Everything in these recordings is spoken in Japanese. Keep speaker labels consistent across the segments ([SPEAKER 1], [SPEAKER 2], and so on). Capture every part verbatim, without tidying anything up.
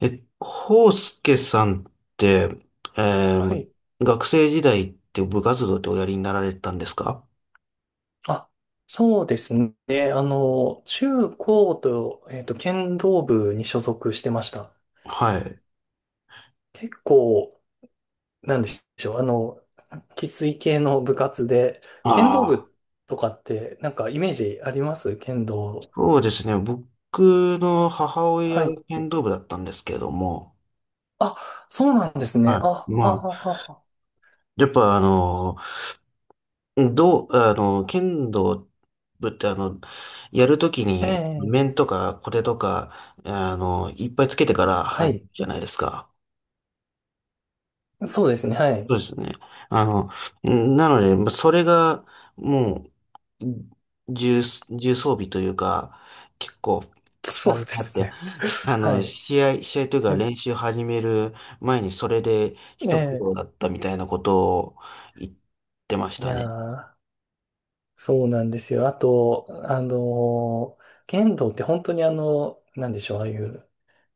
[SPEAKER 1] え、コウス介さんって、え
[SPEAKER 2] は
[SPEAKER 1] ー
[SPEAKER 2] い。
[SPEAKER 1] 学生時代って部活動っておやりになられたんですか？
[SPEAKER 2] あ、そうですね。あの、中高と、えっと、剣道部に所属してました。
[SPEAKER 1] はい。
[SPEAKER 2] 結構、なんでしょう。あの、きつい系の部活で、剣道
[SPEAKER 1] ああ、
[SPEAKER 2] 部とかって、なんかイメージあります、剣道？
[SPEAKER 1] そうですね。僕の母親
[SPEAKER 2] は
[SPEAKER 1] が
[SPEAKER 2] い。
[SPEAKER 1] 剣道部だったんですけども、
[SPEAKER 2] あ、そうなんですね。あ、
[SPEAKER 1] はい。
[SPEAKER 2] あ、
[SPEAKER 1] まあ、
[SPEAKER 2] あ、
[SPEAKER 1] やっぱあの、どう、あの、剣道部ってあの、やるとき
[SPEAKER 2] あ、え
[SPEAKER 1] に面
[SPEAKER 2] え、
[SPEAKER 1] とか小手とか、あの、いっぱいつけてから
[SPEAKER 2] は
[SPEAKER 1] 始め
[SPEAKER 2] い。
[SPEAKER 1] るじゃないですか。
[SPEAKER 2] そうですね。は
[SPEAKER 1] そ
[SPEAKER 2] い。
[SPEAKER 1] うですね。あの、なので、まそれが、もう、重、重装備というか、結構、負
[SPEAKER 2] そうで
[SPEAKER 1] 担になっ
[SPEAKER 2] す
[SPEAKER 1] て、
[SPEAKER 2] ね。
[SPEAKER 1] あ
[SPEAKER 2] はい。
[SPEAKER 1] の、
[SPEAKER 2] え
[SPEAKER 1] 試合、試合というか
[SPEAKER 2] え、
[SPEAKER 1] 練習始める前にそれで一苦労
[SPEAKER 2] え
[SPEAKER 1] だったみたいなことを言ってまし
[SPEAKER 2] え、い
[SPEAKER 1] た
[SPEAKER 2] や
[SPEAKER 1] ね。
[SPEAKER 2] ー、そうなんですよ。あと、あの、剣道って本当にあの、なんでしょう、ああいう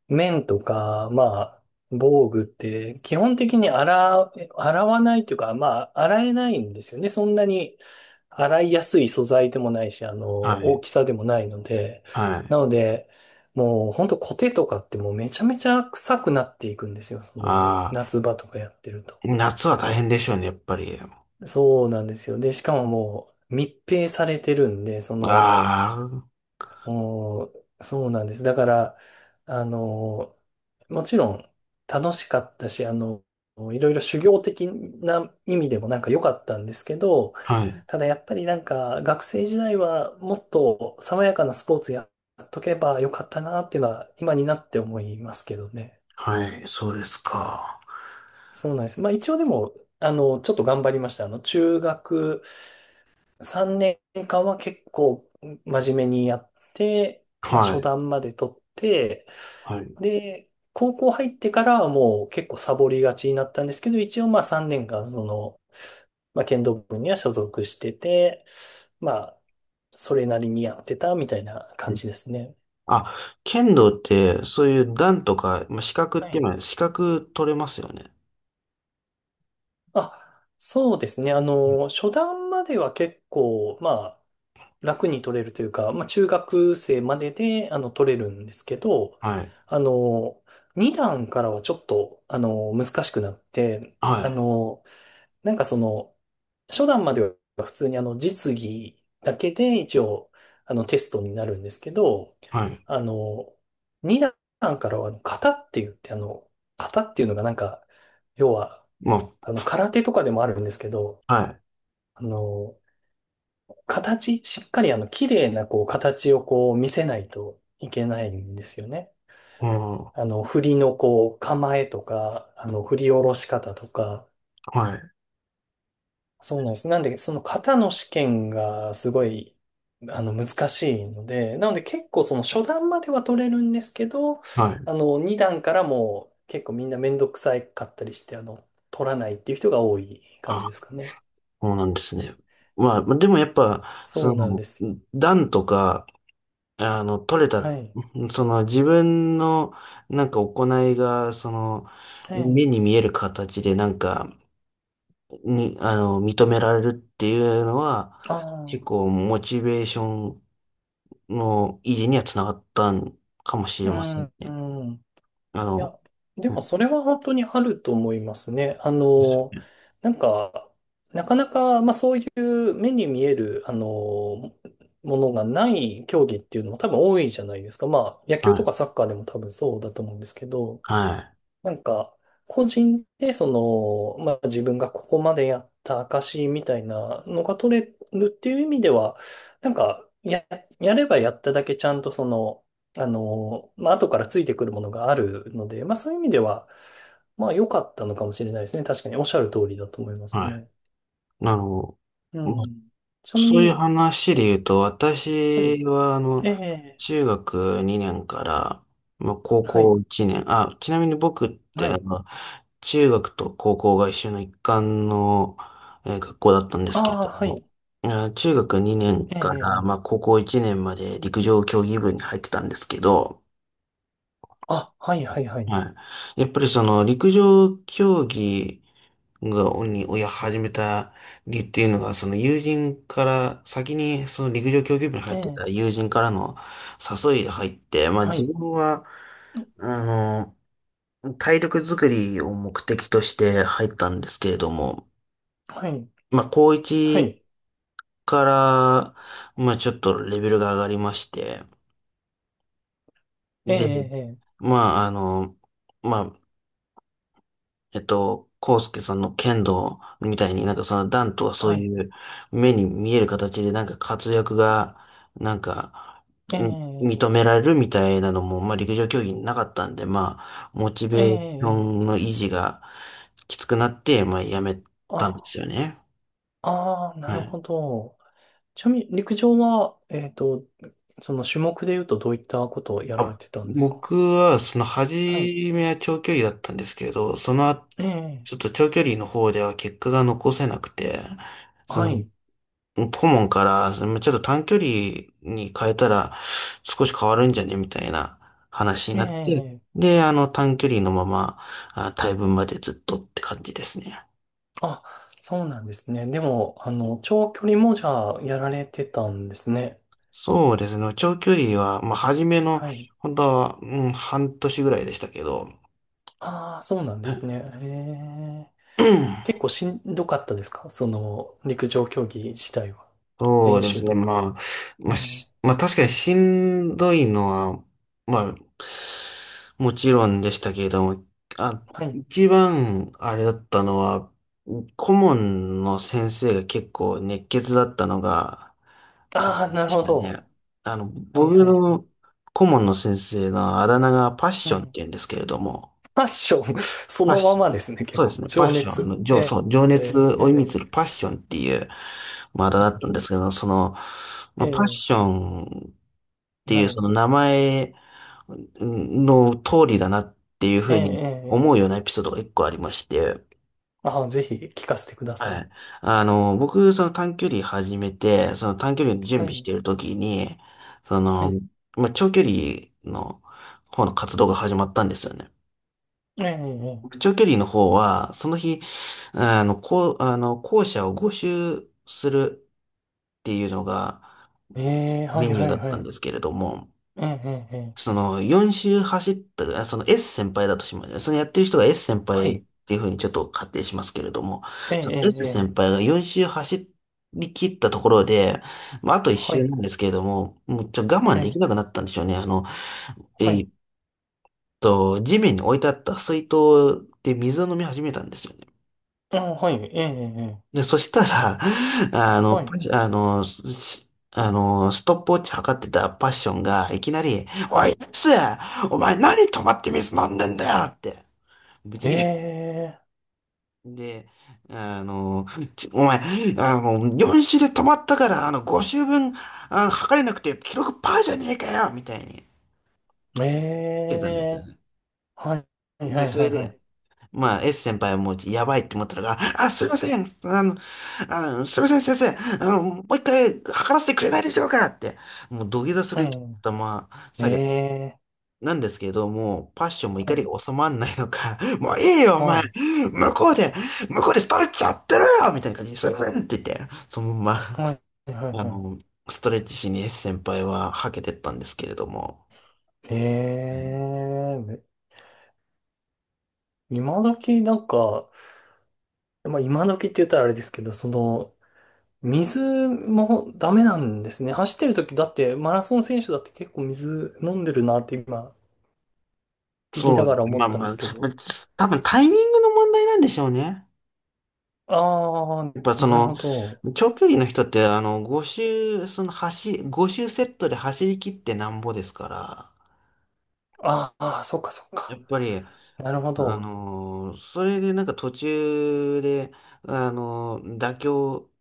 [SPEAKER 2] 面とか、まあ、防具って基本的に洗う、洗わないというか、まあ、洗えないんですよね。そんなに洗いやすい素材でもないし、あの、
[SPEAKER 1] は
[SPEAKER 2] 大
[SPEAKER 1] い。
[SPEAKER 2] きさでもないので。
[SPEAKER 1] はい。
[SPEAKER 2] なので、もう本当コテとかってもうめちゃめちゃ臭くなっていくんですよ。その、
[SPEAKER 1] あ
[SPEAKER 2] 夏場とかやってると。
[SPEAKER 1] あ、夏は大変でしょうね、やっぱり。
[SPEAKER 2] そうなんですよ。で、しかももう密閉されてるんで、その、
[SPEAKER 1] あ
[SPEAKER 2] もう、そうなんです。だから、あの、もちろん楽しかったし、あの、いろいろ修行的な意味でもなんか良かったんですけど、
[SPEAKER 1] あ、はい。
[SPEAKER 2] ただやっぱりなんか学生時代はもっと爽やかなスポーツやっとけばよかったなっていうのは今になって思いますけどね。
[SPEAKER 1] はい、そうですか。
[SPEAKER 2] そうなんです。まあ一応でも、あの、ちょっと頑張りました。あの、中学さんねんかんは結構真面目にやって、まあ
[SPEAKER 1] は
[SPEAKER 2] 初
[SPEAKER 1] い。
[SPEAKER 2] 段まで取って、
[SPEAKER 1] はい。
[SPEAKER 2] で、高校入ってからはもう結構サボりがちになったんですけど、一応まあさんねんかんその、まあ剣道部には所属してて、まあ、それなりにやってたみたいな感じですね。
[SPEAKER 1] あ、剣道って、そういう段とか、まあ、資格っ
[SPEAKER 2] は
[SPEAKER 1] て
[SPEAKER 2] い。
[SPEAKER 1] 今、資格取れますよね。
[SPEAKER 2] あ、そうですね。あの、初段までは結構、まあ、楽に取れるというか、まあ、中学生までで、あの、取れるんですけど、
[SPEAKER 1] はい。
[SPEAKER 2] あの、に段からはちょっと、あの、難しくなって、
[SPEAKER 1] は
[SPEAKER 2] あ
[SPEAKER 1] い。
[SPEAKER 2] の、なんかその、初段までは普通にあの、実技だけで一応、あの、テストになるんですけど、
[SPEAKER 1] はい。
[SPEAKER 2] あの、に段からは、あの、型って言って、あの、型っていうのがなんか、要は、
[SPEAKER 1] ま
[SPEAKER 2] あの、空手とかでもあるんですけど、
[SPEAKER 1] あ、はい。
[SPEAKER 2] あの、形、しっかりあの、綺麗なこう、形をこう、見せないといけないんですよね。
[SPEAKER 1] うん。は
[SPEAKER 2] あの、振りのこう、構えとか、あの、振り下ろし方とか、
[SPEAKER 1] い。
[SPEAKER 2] そうなんです。なんで、その型の試験がすごい、あの、難しいので、なので結構その初段までは取れるんですけど、
[SPEAKER 1] はい。
[SPEAKER 2] あの、に段からも結構みんなめんどくさいかったりして、あの、取らないっていう人が多い感じで
[SPEAKER 1] あ、
[SPEAKER 2] すかね。
[SPEAKER 1] そうなんですね。まあ、まあでもやっぱ、
[SPEAKER 2] そ
[SPEAKER 1] そ
[SPEAKER 2] うなん
[SPEAKER 1] の、
[SPEAKER 2] です。
[SPEAKER 1] 段とか、あの、取れた、
[SPEAKER 2] はい。
[SPEAKER 1] その自分の、なんか行いが、その、
[SPEAKER 2] え
[SPEAKER 1] 目に
[SPEAKER 2] え。
[SPEAKER 1] 見える形で、なんか、に、あの、認められるっていうのは、
[SPEAKER 2] あ
[SPEAKER 1] 結
[SPEAKER 2] あ。
[SPEAKER 1] 構モチベーションの維持にはつながったんかもし
[SPEAKER 2] う
[SPEAKER 1] れません
[SPEAKER 2] ん、
[SPEAKER 1] ね。
[SPEAKER 2] うん。い
[SPEAKER 1] あの、
[SPEAKER 2] や、で
[SPEAKER 1] う
[SPEAKER 2] も
[SPEAKER 1] ん、
[SPEAKER 2] それは本当にあると思いますね。あの、なんか、なかなか、まあそういう目に見える、あの、ものがない競技っていうのも多分多いじゃないですか。まあ野球
[SPEAKER 1] は
[SPEAKER 2] と
[SPEAKER 1] い、
[SPEAKER 2] かサッカーでも多分そうだと思うんですけど。
[SPEAKER 1] は
[SPEAKER 2] なんか、個人で、その、まあ自分がここまでやった証みたいなのが取れるっていう意味では、なんか、や、やればやっただけちゃんとその、あの、まあ後からついてくるものがあるので、まあそういう意味では、まあ良かったのかもしれないですね。確かにおっしゃる通りだと思いま
[SPEAKER 1] い、
[SPEAKER 2] す
[SPEAKER 1] はい。
[SPEAKER 2] ね。
[SPEAKER 1] あの、
[SPEAKER 2] う
[SPEAKER 1] まあ、
[SPEAKER 2] ん。ちなみ
[SPEAKER 1] そういう
[SPEAKER 2] に、
[SPEAKER 1] 話
[SPEAKER 2] え
[SPEAKER 1] で
[SPEAKER 2] っと、
[SPEAKER 1] 言うと、
[SPEAKER 2] はい。
[SPEAKER 1] 私は、あの、
[SPEAKER 2] ええ、
[SPEAKER 1] 中学にねんから、まあ、高
[SPEAKER 2] はい。
[SPEAKER 1] 校いちねん、あ、ちなみに僕っ
[SPEAKER 2] は
[SPEAKER 1] て、あ
[SPEAKER 2] い。
[SPEAKER 1] の、中学と高校が一緒の一貫の、えー学校だったんですけれ
[SPEAKER 2] ああ、
[SPEAKER 1] ど
[SPEAKER 2] はい。
[SPEAKER 1] も、あ、中学にねん
[SPEAKER 2] え
[SPEAKER 1] から、
[SPEAKER 2] え、
[SPEAKER 1] まあ、高校いちねんまで陸上競技部に入ってたんですけど、
[SPEAKER 2] あ、はい、はい、はい。
[SPEAKER 1] はい。やっぱりその陸上競技が、に、をや始めた理由っていうのが、その友人から、先にその陸上競技部に入
[SPEAKER 2] え
[SPEAKER 1] って
[SPEAKER 2] え、
[SPEAKER 1] た友人からの誘いが入って、まあ
[SPEAKER 2] は
[SPEAKER 1] 自
[SPEAKER 2] い。
[SPEAKER 1] 分は、あの、体力作りを目的として入ったんですけれども、
[SPEAKER 2] はい。
[SPEAKER 1] まあ高
[SPEAKER 2] は
[SPEAKER 1] いち
[SPEAKER 2] い。
[SPEAKER 1] から、まあちょっとレベルが上がりまして、
[SPEAKER 2] え
[SPEAKER 1] で、
[SPEAKER 2] え、え
[SPEAKER 1] まああの、まあえっと、康介さんの剣道みたいになんかその段とは
[SPEAKER 2] え、
[SPEAKER 1] そ
[SPEAKER 2] は
[SPEAKER 1] う
[SPEAKER 2] い。
[SPEAKER 1] いう目に見える形でなんか活躍がなんか、
[SPEAKER 2] え
[SPEAKER 1] うん、
[SPEAKER 2] え、
[SPEAKER 1] 認められるみたいなのも、まあ陸上競技になかったんで、まあ、モチ
[SPEAKER 2] ええ、
[SPEAKER 1] ベーショ
[SPEAKER 2] え
[SPEAKER 1] ン
[SPEAKER 2] え。
[SPEAKER 1] の維持がきつくなって、まあやめたんで
[SPEAKER 2] あ、
[SPEAKER 1] すよね。
[SPEAKER 2] ああ、な
[SPEAKER 1] は
[SPEAKER 2] る
[SPEAKER 1] い。
[SPEAKER 2] ほど。ちなみに、陸上は、えっと、その種目で言うとどういったことをやられ
[SPEAKER 1] あ、
[SPEAKER 2] てたんですか？
[SPEAKER 1] 僕はその初
[SPEAKER 2] はい。
[SPEAKER 1] めは長距離だったんですけど、その後、
[SPEAKER 2] ええ、
[SPEAKER 1] ちょっと長距離の方では結果が残せなくて、その
[SPEAKER 2] はい。
[SPEAKER 1] 顧問から、ちょっと短距離に変えたら少し変わるんじゃねみたいな話に
[SPEAKER 2] え
[SPEAKER 1] なって、
[SPEAKER 2] え、
[SPEAKER 1] で、あの短距離のまま、あ、大分までずっとって感じですね。
[SPEAKER 2] あ、そうなんですね。でも、あの、長距離もじゃあ、やられてたんですね。
[SPEAKER 1] そうですね。長距離は、まあ、初めの、
[SPEAKER 2] はい。
[SPEAKER 1] 本当は、うん、半年ぐらいでしたけど、
[SPEAKER 2] ああ、そうなん
[SPEAKER 1] う
[SPEAKER 2] です
[SPEAKER 1] ん、
[SPEAKER 2] ね。ええ。結構しんどかったですか？その、陸上競技自体は。
[SPEAKER 1] そう
[SPEAKER 2] 練
[SPEAKER 1] です
[SPEAKER 2] 習
[SPEAKER 1] ね。
[SPEAKER 2] とか。
[SPEAKER 1] まあ、
[SPEAKER 2] え
[SPEAKER 1] まあ、
[SPEAKER 2] え、
[SPEAKER 1] しまあ確かにしんどいのは、まあ、もちろんでしたけれども、あ、
[SPEAKER 2] はい。
[SPEAKER 1] 一番あれだったのは、顧問の先生が結構熱血だったのが、感
[SPEAKER 2] あ
[SPEAKER 1] じ
[SPEAKER 2] あ、なる
[SPEAKER 1] でし
[SPEAKER 2] ほ
[SPEAKER 1] たね。
[SPEAKER 2] ど。
[SPEAKER 1] あの、
[SPEAKER 2] はい
[SPEAKER 1] 僕
[SPEAKER 2] はいはい。
[SPEAKER 1] の顧問の先生のあだ名がパッ
[SPEAKER 2] う
[SPEAKER 1] ションって
[SPEAKER 2] ん。
[SPEAKER 1] 言うんですけれども、
[SPEAKER 2] ファッション そ
[SPEAKER 1] パッ
[SPEAKER 2] のま
[SPEAKER 1] ション。
[SPEAKER 2] まですね、結
[SPEAKER 1] そうで
[SPEAKER 2] 構。
[SPEAKER 1] すね。パ
[SPEAKER 2] 情
[SPEAKER 1] ッション。あ
[SPEAKER 2] 熱。
[SPEAKER 1] の、情、
[SPEAKER 2] え
[SPEAKER 1] そう、情
[SPEAKER 2] ー、
[SPEAKER 1] 熱
[SPEAKER 2] えー、
[SPEAKER 1] を意味
[SPEAKER 2] え
[SPEAKER 1] するパッションっていう、まあ、だったんですけど、その、
[SPEAKER 2] ー、
[SPEAKER 1] まあ、パッ
[SPEAKER 2] え
[SPEAKER 1] ションっ
[SPEAKER 2] ー、
[SPEAKER 1] てい
[SPEAKER 2] は
[SPEAKER 1] う、そ
[SPEAKER 2] い。
[SPEAKER 1] の名前の通りだなっていうふ
[SPEAKER 2] えー、
[SPEAKER 1] う
[SPEAKER 2] え
[SPEAKER 1] に思
[SPEAKER 2] ー、
[SPEAKER 1] う
[SPEAKER 2] え
[SPEAKER 1] ようなエピソードが一個ありまして、
[SPEAKER 2] ー。ああ、ぜひ聞かせてくださ
[SPEAKER 1] は
[SPEAKER 2] い。
[SPEAKER 1] い。あの、僕、その短距離始めて、その短距離の準
[SPEAKER 2] は
[SPEAKER 1] 備し
[SPEAKER 2] い。
[SPEAKER 1] ているときに、そ
[SPEAKER 2] は
[SPEAKER 1] の、
[SPEAKER 2] い。
[SPEAKER 1] まあ、長距離の方の活動が始まったんですよね。
[SPEAKER 2] えー、え
[SPEAKER 1] 長距離の方は、その日、あの、こう、あの、校舎をご周するっていうのが
[SPEAKER 2] ー、えーえーは
[SPEAKER 1] メ
[SPEAKER 2] い
[SPEAKER 1] ニュー
[SPEAKER 2] は
[SPEAKER 1] だ
[SPEAKER 2] い
[SPEAKER 1] っ
[SPEAKER 2] は
[SPEAKER 1] たん
[SPEAKER 2] い。
[SPEAKER 1] ですけれども、
[SPEAKER 2] えー、えー、えー
[SPEAKER 1] そのよん周走った、あ、その S 先輩だとします。そのやってる人が S 先
[SPEAKER 2] は
[SPEAKER 1] 輩っ
[SPEAKER 2] い。
[SPEAKER 1] ていうふうにちょっと仮定しますけれども、
[SPEAKER 2] えー、
[SPEAKER 1] その
[SPEAKER 2] えー、
[SPEAKER 1] S
[SPEAKER 2] え
[SPEAKER 1] 先
[SPEAKER 2] ー
[SPEAKER 1] 輩がよん周走り切ったところで、まあ、あといっ
[SPEAKER 2] は
[SPEAKER 1] 周
[SPEAKER 2] い。
[SPEAKER 1] なんですけれども、もうちょっと我慢
[SPEAKER 2] え
[SPEAKER 1] でき
[SPEAKER 2] ー、
[SPEAKER 1] なくなったんでしょうね。あの、え
[SPEAKER 2] はい。
[SPEAKER 1] ーっと、地面に置いてあった水筒で水を飲み始めたんですよね。
[SPEAKER 2] あー、はい。えー、えー、え
[SPEAKER 1] で、そしたら、あ
[SPEAKER 2] ー
[SPEAKER 1] の、
[SPEAKER 2] は
[SPEAKER 1] パ
[SPEAKER 2] い。
[SPEAKER 1] あの、しあの、ストップウォッチ測ってたパッションが、いきなり、
[SPEAKER 2] は
[SPEAKER 1] おい、や
[SPEAKER 2] い。
[SPEAKER 1] つ、お前何止まって水飲んでんだよって、ぶち切れ
[SPEAKER 2] え
[SPEAKER 1] で、あの、ちお前、あの、よん周で止まったから、あの、ご周分、あの、測れなくて、記録パーじゃねえかよみたいに、
[SPEAKER 2] ー、
[SPEAKER 1] 言ってたんですよ
[SPEAKER 2] え
[SPEAKER 1] ね。
[SPEAKER 2] ーはい。はいは
[SPEAKER 1] で、
[SPEAKER 2] い
[SPEAKER 1] そ
[SPEAKER 2] は
[SPEAKER 1] れ
[SPEAKER 2] いはい。
[SPEAKER 1] で、まあ、S 先輩はもうやばいって思ったのが、あ、すいません、あの、あの、すいません、先生、あの、もう一回測らせてくれないでしょうかって、もう土下座する勢いで
[SPEAKER 2] え
[SPEAKER 1] 頭
[SPEAKER 2] ー、
[SPEAKER 1] 下げた
[SPEAKER 2] え
[SPEAKER 1] なんですけれども、パッションも
[SPEAKER 2] ーは
[SPEAKER 1] 怒
[SPEAKER 2] い。
[SPEAKER 1] りが収まんないのか、もういいよ、お
[SPEAKER 2] は
[SPEAKER 1] 前、
[SPEAKER 2] い。
[SPEAKER 1] 向こうで、向こうでストレッチやってるよみたいな感じで、すいませんって言って、そのま
[SPEAKER 2] はい。はい。
[SPEAKER 1] ま、あ
[SPEAKER 2] は
[SPEAKER 1] の、
[SPEAKER 2] い。
[SPEAKER 1] ストレッチしに S 先輩ははけてったんですけれども、
[SPEAKER 2] え
[SPEAKER 1] はい、
[SPEAKER 2] えめ今時なんか、まあ今時って言ったらあれですけど、その、水もダメなんですね。走ってる時だって、マラソン選手だって結構水飲んでるなって今、聞き
[SPEAKER 1] そ
[SPEAKER 2] な
[SPEAKER 1] う、
[SPEAKER 2] がら思
[SPEAKER 1] ま
[SPEAKER 2] っ
[SPEAKER 1] あ
[SPEAKER 2] たん
[SPEAKER 1] ま
[SPEAKER 2] で
[SPEAKER 1] あ、
[SPEAKER 2] すけ
[SPEAKER 1] ま
[SPEAKER 2] ど。
[SPEAKER 1] あ多分タイミングの問題なんでしょうね。
[SPEAKER 2] ああ、
[SPEAKER 1] やっぱそ
[SPEAKER 2] なる
[SPEAKER 1] の、
[SPEAKER 2] ほど。
[SPEAKER 1] 長距離の人って、あの、ご周、その走り、ご周セットで走り切ってなんぼですから、
[SPEAKER 2] ああ、そっかそっ
[SPEAKER 1] やっ
[SPEAKER 2] か。
[SPEAKER 1] ぱり、
[SPEAKER 2] なるほ
[SPEAKER 1] あ
[SPEAKER 2] ど。
[SPEAKER 1] のーそれでなんか途中で、あのー妥協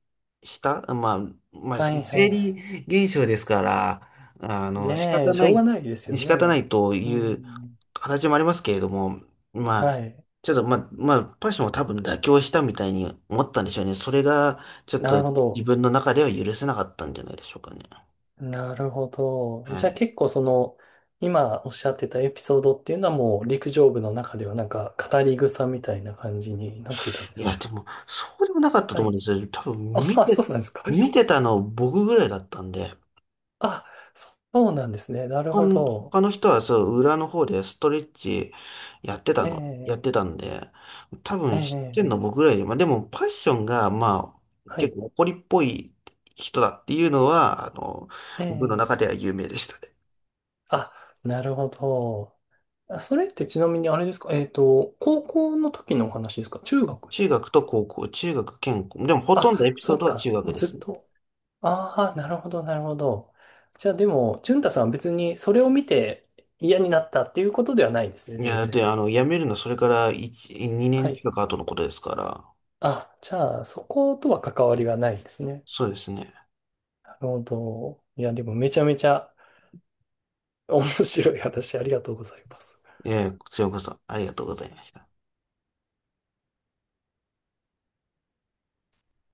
[SPEAKER 1] した、まあ、まあ、
[SPEAKER 2] はいはいは
[SPEAKER 1] 生
[SPEAKER 2] い。
[SPEAKER 1] 理現象ですから、あの、仕
[SPEAKER 2] ね
[SPEAKER 1] 方
[SPEAKER 2] え、し
[SPEAKER 1] な
[SPEAKER 2] ょうが
[SPEAKER 1] い、
[SPEAKER 2] ないですよ
[SPEAKER 1] 仕方ない
[SPEAKER 2] ね。
[SPEAKER 1] と
[SPEAKER 2] う
[SPEAKER 1] いう
[SPEAKER 2] ん。
[SPEAKER 1] 形もありますけれども、ま
[SPEAKER 2] は
[SPEAKER 1] あ、
[SPEAKER 2] い。
[SPEAKER 1] ちょっと、まあ、まあ、パッションも多分妥協したみたいに思ったんでしょうね。それが、ちょっ
[SPEAKER 2] なる
[SPEAKER 1] と
[SPEAKER 2] ほ
[SPEAKER 1] 自
[SPEAKER 2] ど。
[SPEAKER 1] 分の中では許せなかったんじゃないでしょうかね。
[SPEAKER 2] なるほど。
[SPEAKER 1] は
[SPEAKER 2] じゃあ
[SPEAKER 1] い。
[SPEAKER 2] 結構その、今おっしゃってたエピソードっていうのはもう陸上部の中ではなんか語り草みたいな感じになっていたんで
[SPEAKER 1] い
[SPEAKER 2] す
[SPEAKER 1] や、
[SPEAKER 2] か？
[SPEAKER 1] でも、そうでもなかったと
[SPEAKER 2] は
[SPEAKER 1] 思うん
[SPEAKER 2] い。
[SPEAKER 1] ですよ。多分、
[SPEAKER 2] あ、あ、
[SPEAKER 1] 見
[SPEAKER 2] そ
[SPEAKER 1] て、
[SPEAKER 2] うなんですか。
[SPEAKER 1] 見てたの僕ぐらいだったんで。
[SPEAKER 2] あ、そうなんですね。なる
[SPEAKER 1] 他
[SPEAKER 2] ほ
[SPEAKER 1] の、
[SPEAKER 2] ど。
[SPEAKER 1] 他の人はそう、裏の方でストレッチやってた
[SPEAKER 2] え
[SPEAKER 1] の、やって
[SPEAKER 2] え、
[SPEAKER 1] たんで、多
[SPEAKER 2] え
[SPEAKER 1] 分知ってんの
[SPEAKER 2] え、ええ、
[SPEAKER 1] 僕ぐらいで、まあでもパッションが、まあ、
[SPEAKER 2] は
[SPEAKER 1] 結
[SPEAKER 2] い。
[SPEAKER 1] 構怒りっぽい人だっていうのは、あの、
[SPEAKER 2] え
[SPEAKER 1] 部の
[SPEAKER 2] え。
[SPEAKER 1] 中では有名でしたね。
[SPEAKER 2] あ、なるほど。あ、それってちなみにあれですか？えっと、高校の時のお話ですか？中学で
[SPEAKER 1] 中
[SPEAKER 2] すか？
[SPEAKER 1] 学と高校、中学兼高、でもほとんど
[SPEAKER 2] あ、
[SPEAKER 1] エピソ
[SPEAKER 2] そ
[SPEAKER 1] ー
[SPEAKER 2] っ
[SPEAKER 1] ドは中
[SPEAKER 2] か。も
[SPEAKER 1] 学
[SPEAKER 2] う
[SPEAKER 1] で
[SPEAKER 2] ずっ
[SPEAKER 1] すね。
[SPEAKER 2] と。ああ、なるほど、なるほど。じゃあでも、淳太さんは別にそれを見て嫌になったっていうことではないんですね、
[SPEAKER 1] いや、
[SPEAKER 2] 全
[SPEAKER 1] だって
[SPEAKER 2] 然。
[SPEAKER 1] あの、辞めるのはそれからいち、2
[SPEAKER 2] は
[SPEAKER 1] 年
[SPEAKER 2] い。
[SPEAKER 1] 近く後のことですから、
[SPEAKER 2] あ、じゃあ、そことは関わりがないですね。
[SPEAKER 1] そうですね。
[SPEAKER 2] なるほど。いや、でもめちゃめちゃ面白い話ありがとうございます。
[SPEAKER 1] ええ、こちらこそありがとうございました。